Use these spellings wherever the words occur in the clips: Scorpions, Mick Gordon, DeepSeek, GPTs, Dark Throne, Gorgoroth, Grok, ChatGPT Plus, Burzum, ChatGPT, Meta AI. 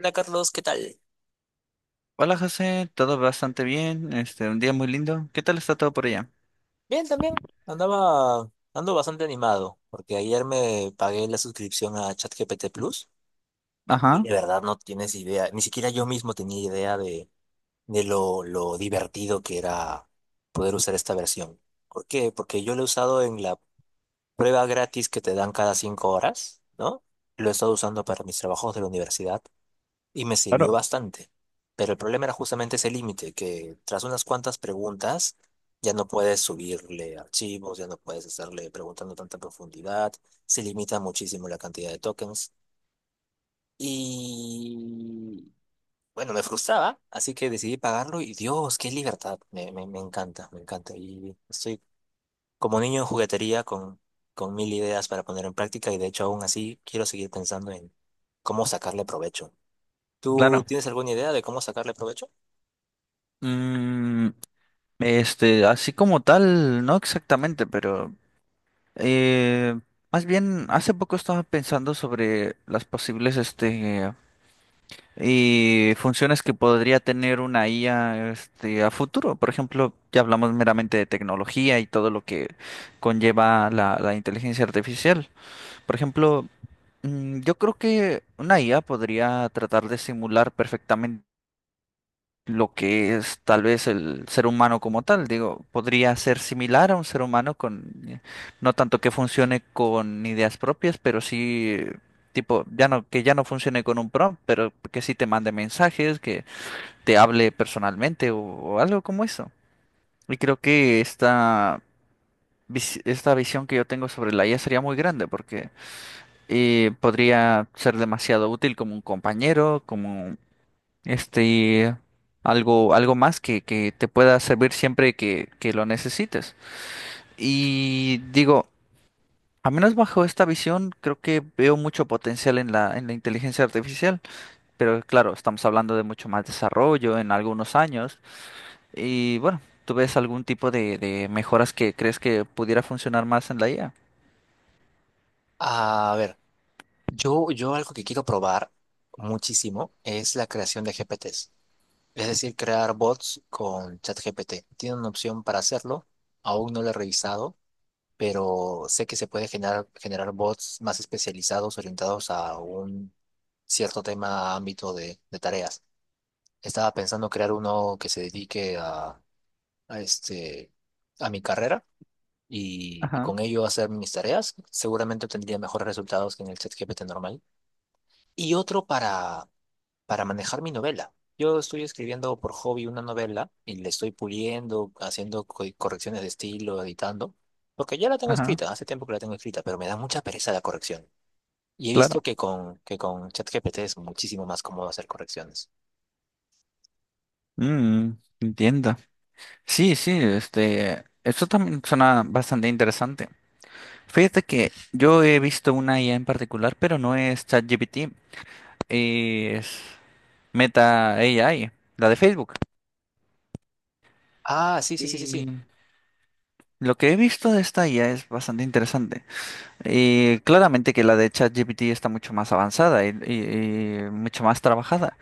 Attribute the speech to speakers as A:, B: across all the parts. A: Hola Carlos, ¿qué tal?
B: Hola José, todo bastante bien, un día muy lindo. ¿Qué tal está todo por allá?
A: Bien, también. Ando bastante animado, porque ayer me pagué la suscripción a ChatGPT Plus y
B: Ajá,
A: de verdad no tienes idea, ni siquiera yo mismo tenía idea de lo divertido que era poder usar esta versión. ¿Por qué? Porque yo lo he usado en la prueba gratis que te dan cada 5 horas, ¿no? Lo he estado usando para mis trabajos de la universidad y me sirvió
B: claro,
A: bastante. Pero el problema era justamente ese límite, que tras unas cuantas preguntas ya no puedes subirle archivos, ya no puedes estarle preguntando tanta profundidad, se limita muchísimo la cantidad de tokens. Y bueno, me frustraba, así que decidí pagarlo y Dios, qué libertad, me encanta, me encanta. Y estoy como niño en juguetería con mil ideas para poner en práctica y de hecho aún así quiero seguir pensando en cómo sacarle provecho. ¿Tú
B: claro.
A: tienes alguna idea de cómo sacarle provecho?
B: Mm, así como tal, no exactamente, pero eh, más bien hace poco estaba pensando sobre las posibles y funciones que podría tener una IA a futuro. Por ejemplo, ya hablamos meramente de tecnología y todo lo que conlleva la inteligencia artificial. Por ejemplo, yo creo que una IA podría tratar de simular perfectamente lo que es tal vez el ser humano como tal. Digo, podría ser similar a un ser humano con, no tanto que funcione con ideas propias, pero sí, tipo, ya no, que ya no funcione con un prompt, pero que sí te mande mensajes, que te hable personalmente o, algo como eso. Y creo que esta visión que yo tengo sobre la IA sería muy grande porque. Y podría ser demasiado útil como un compañero, como este algo más que te pueda servir siempre que lo necesites. Y digo, a menos bajo esta visión, creo que veo mucho potencial en la inteligencia artificial, pero claro, estamos hablando de mucho más desarrollo en algunos años y bueno, ¿tú ves algún tipo de mejoras que crees que pudiera funcionar más en la IA?
A: A ver, yo algo que quiero probar muchísimo es la creación de GPTs, es decir, crear bots con ChatGPT. Tiene una opción para hacerlo, aún no lo he revisado, pero sé que se puede generar bots más especializados, orientados a un cierto tema, ámbito de tareas. Estaba pensando crear uno que se dedique a a mi carrera y
B: Ajá,
A: con ello hacer mis tareas. Seguramente obtendría mejores resultados que en el ChatGPT normal. Y otro para manejar mi novela. Yo estoy escribiendo por hobby una novela y le estoy puliendo, haciendo correcciones de estilo, editando, porque ya la tengo
B: ajá,
A: escrita, hace tiempo que la tengo escrita, pero me da mucha pereza la corrección. Y he visto
B: claro.
A: que que con ChatGPT es muchísimo más cómodo hacer correcciones.
B: Mm, Entiendo. Sí, sí, eso también suena bastante interesante. Fíjate que yo he visto una IA en particular, pero no es ChatGPT, es Meta AI, la de Facebook.
A: Ah, sí, sí, sí, sí, sí.
B: Y lo que he visto de esta IA es bastante interesante. Y claramente que la de ChatGPT está mucho más avanzada y mucho más trabajada.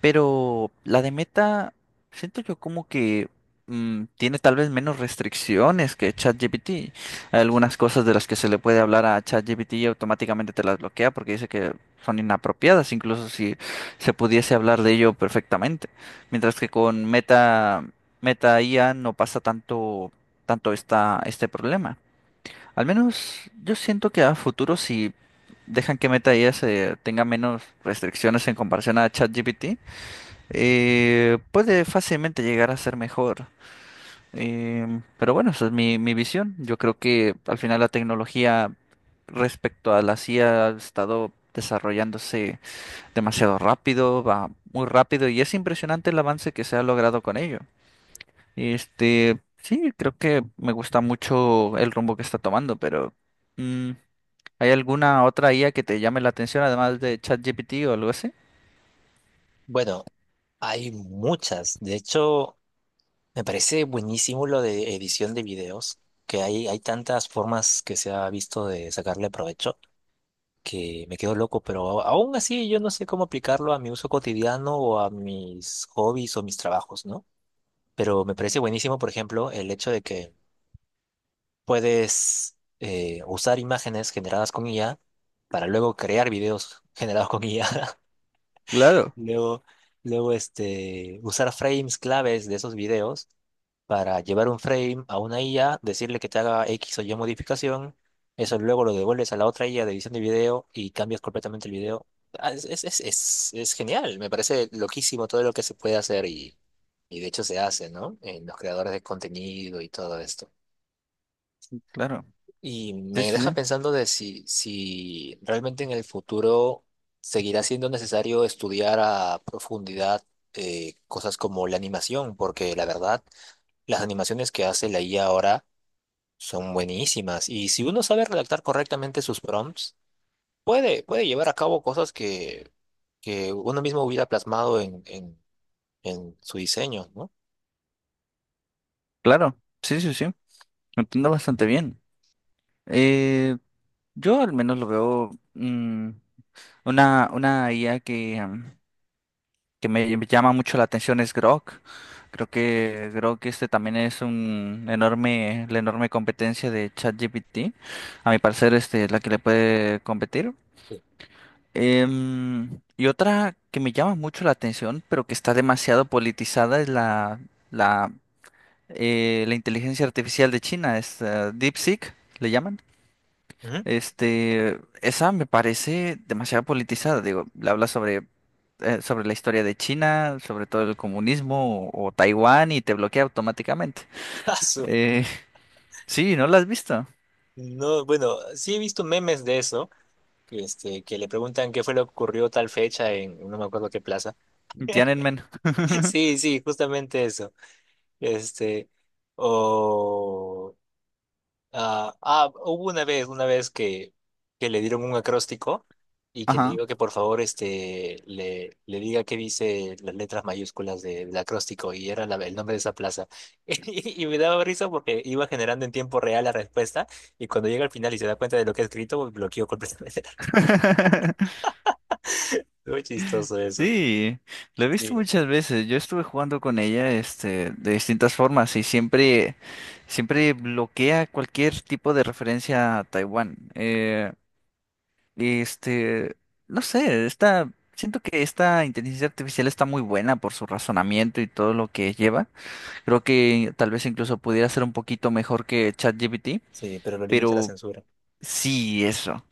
B: Pero la de Meta, siento yo como que tiene tal vez menos restricciones que ChatGPT. Hay algunas cosas de las que se le puede hablar a ChatGPT y automáticamente te las bloquea porque dice que son inapropiadas, incluso si se pudiese hablar de ello perfectamente. Mientras que con Meta IA no pasa tanto este problema. Al menos yo siento que a futuro si dejan que Meta IA se tenga menos restricciones en comparación a ChatGPT puede fácilmente llegar a ser mejor. Pero bueno, esa es mi visión. Yo creo que al final la tecnología respecto a la IA ha estado desarrollándose demasiado rápido, va muy rápido y es impresionante el avance que se ha logrado con ello. Sí, creo que me gusta mucho el rumbo que está tomando, pero mm, ¿hay alguna otra IA que te llame la atención además de ChatGPT o algo así?
A: Bueno, hay muchas. De hecho, me parece buenísimo lo de edición de videos, que hay tantas formas que se ha visto de sacarle provecho, que me quedo loco, pero aún así yo no sé cómo aplicarlo a mi uso cotidiano o a mis hobbies o mis trabajos, ¿no? Pero me parece buenísimo, por ejemplo, el hecho de que puedes usar imágenes generadas con IA para luego crear videos generados con IA.
B: Claro,
A: Luego, usar frames claves de esos videos para llevar un frame a una IA, decirle que te haga X o Y modificación, eso luego lo devuelves a la otra IA de edición de video y cambias completamente el video. Ah, es genial, me parece loquísimo todo lo que se puede hacer y de hecho se hace, ¿no? En los creadores de contenido y todo esto.
B: claro.
A: Y
B: Sí,
A: me
B: sí,
A: deja
B: sí.
A: pensando de si realmente en el futuro seguirá siendo necesario estudiar a profundidad cosas como la animación, porque la verdad, las animaciones que hace la IA ahora son buenísimas. Y si uno sabe redactar correctamente sus prompts, puede llevar a cabo cosas que uno mismo hubiera plasmado en, en su diseño, ¿no?
B: Claro. Sí, sí, sí. Lo entiendo bastante bien. Eh, yo al menos lo veo una IA que me llama mucho la atención es Grok. Creo que Grok también es la enorme competencia de ChatGPT. A mi parecer, este es la que le puede competir.
A: Sí.
B: Y otra que me llama mucho la atención, pero que está demasiado politizada, es la, la inteligencia artificial de China, es DeepSeek, le llaman.
A: Ujú.
B: Esa me parece demasiado politizada. Digo, le habla sobre la historia de China, sobre todo el comunismo o Taiwán y te bloquea automáticamente.
A: Ah, su-
B: Eh, sí, ¿no la has visto?
A: No, bueno, sí he visto memes de eso, que, este, que le preguntan qué fue lo que ocurrió tal fecha en no me acuerdo qué plaza.
B: Tiananmen.
A: Sí, sí, justamente eso. Este, o ah, hubo una vez, que le dieron un acróstico y que le
B: Ajá.
A: digo que por favor este le diga qué dice las letras mayúsculas del acróstico y era el nombre de esa plaza. Y me daba risa porque iba generando en tiempo real la respuesta y cuando llega al final y se da cuenta de lo que ha escrito, bloqueó completamente la respuesta. Muy chistoso eso.
B: Sí, lo he visto
A: Sí.
B: muchas veces. Yo estuve jugando con ella, de distintas formas y siempre, siempre bloquea cualquier tipo de referencia a Taiwán. Este, no sé, siento que esta inteligencia artificial está muy buena por su razonamiento y todo lo que lleva. Creo que tal vez incluso pudiera ser un poquito mejor que ChatGPT,
A: Sí, pero lo limita la
B: pero
A: censura.
B: sí, eso.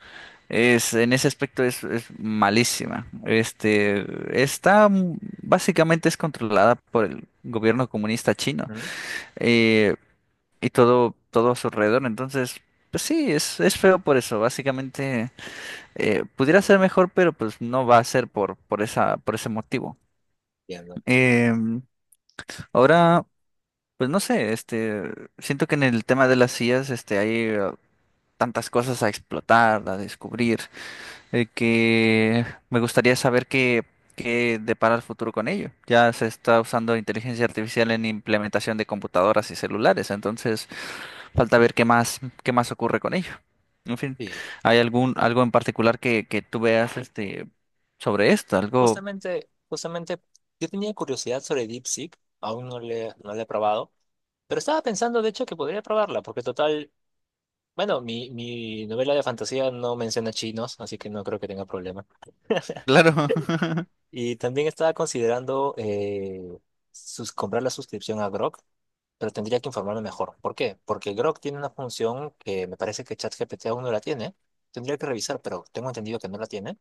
B: En ese aspecto es malísima. Está, mm, Básicamente es controlada por el gobierno comunista chino,
A: ¿Mm?
B: eh, y todo a su alrededor. Entonces, pues sí, es feo por eso. Básicamente. Pudiera ser mejor, pero pues no va a ser por ese motivo.
A: Entiendo.
B: Em, ahora, pues no sé, siento que en el tema de las sillas, hay tantas cosas a explotar, a descubrir, que me gustaría saber qué depara el futuro con ello. Ya se está usando inteligencia artificial en implementación de computadoras y celulares, entonces falta ver qué más ocurre con ello. En fin,
A: Sí.
B: ¿hay algo en particular que tú veas sobre esto? Algo.
A: Justamente, justamente, yo tenía curiosidad sobre DeepSeek, aún no no la he probado, pero estaba pensando, de hecho, que podría probarla, porque total, bueno, mi novela de fantasía no menciona chinos, así que no creo que tenga problema.
B: Claro,
A: Y también estaba considerando comprar la suscripción a Grok, pero tendría que informarme mejor. ¿Por qué? Porque Grok tiene una función que me parece que ChatGPT aún no la tiene. Tendría que revisar, pero tengo entendido que no la tiene.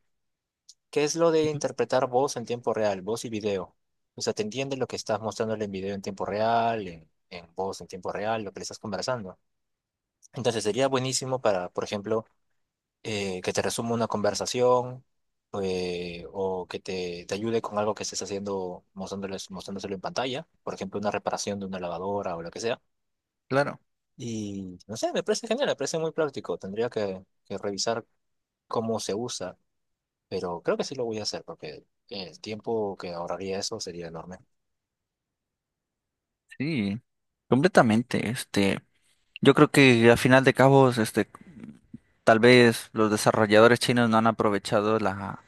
A: ¿Qué es lo de interpretar voz en tiempo real, voz y video? O sea, ¿te entiendes lo que estás mostrándole en video en tiempo real, en voz en tiempo real, lo que le estás conversando? Entonces sería buenísimo para, por ejemplo, que te resuma una conversación, o que te ayude con algo que estés haciendo, mostrándoselo en pantalla, por ejemplo, una reparación de una lavadora o lo que sea.
B: claro,
A: Y no sé, me parece genial, me parece muy práctico. Tendría que revisar cómo se usa, pero creo que sí lo voy a hacer porque el tiempo que ahorraría eso sería enorme.
B: sí, completamente. Yo creo que a final de cabos, tal vez los desarrolladores chinos no han aprovechado la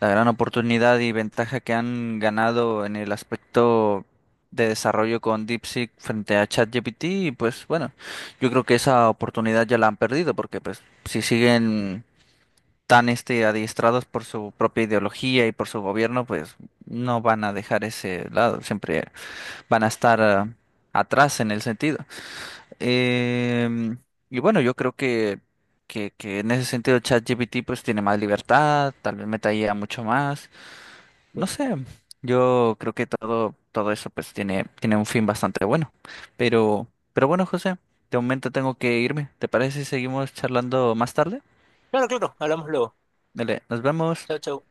B: La gran oportunidad y ventaja que han ganado en el aspecto de desarrollo con DeepSeek frente a ChatGPT, y pues bueno, yo creo que esa oportunidad ya la han perdido porque pues si siguen tan adiestrados por su propia ideología y por su gobierno, pues no van a dejar ese lado, siempre van a estar atrás en el sentido. Em, y bueno, yo creo que en ese sentido ChatGPT pues tiene más libertad, tal vez Meta IA mucho más, no
A: Sí.
B: sé, yo creo que todo eso pues tiene un fin bastante bueno. Pero, pero bueno, José, de momento tengo que irme. ¿Te parece si seguimos charlando más tarde?
A: Claro, claro, hablamos luego.
B: Dale, nos vemos.
A: Chao, chao.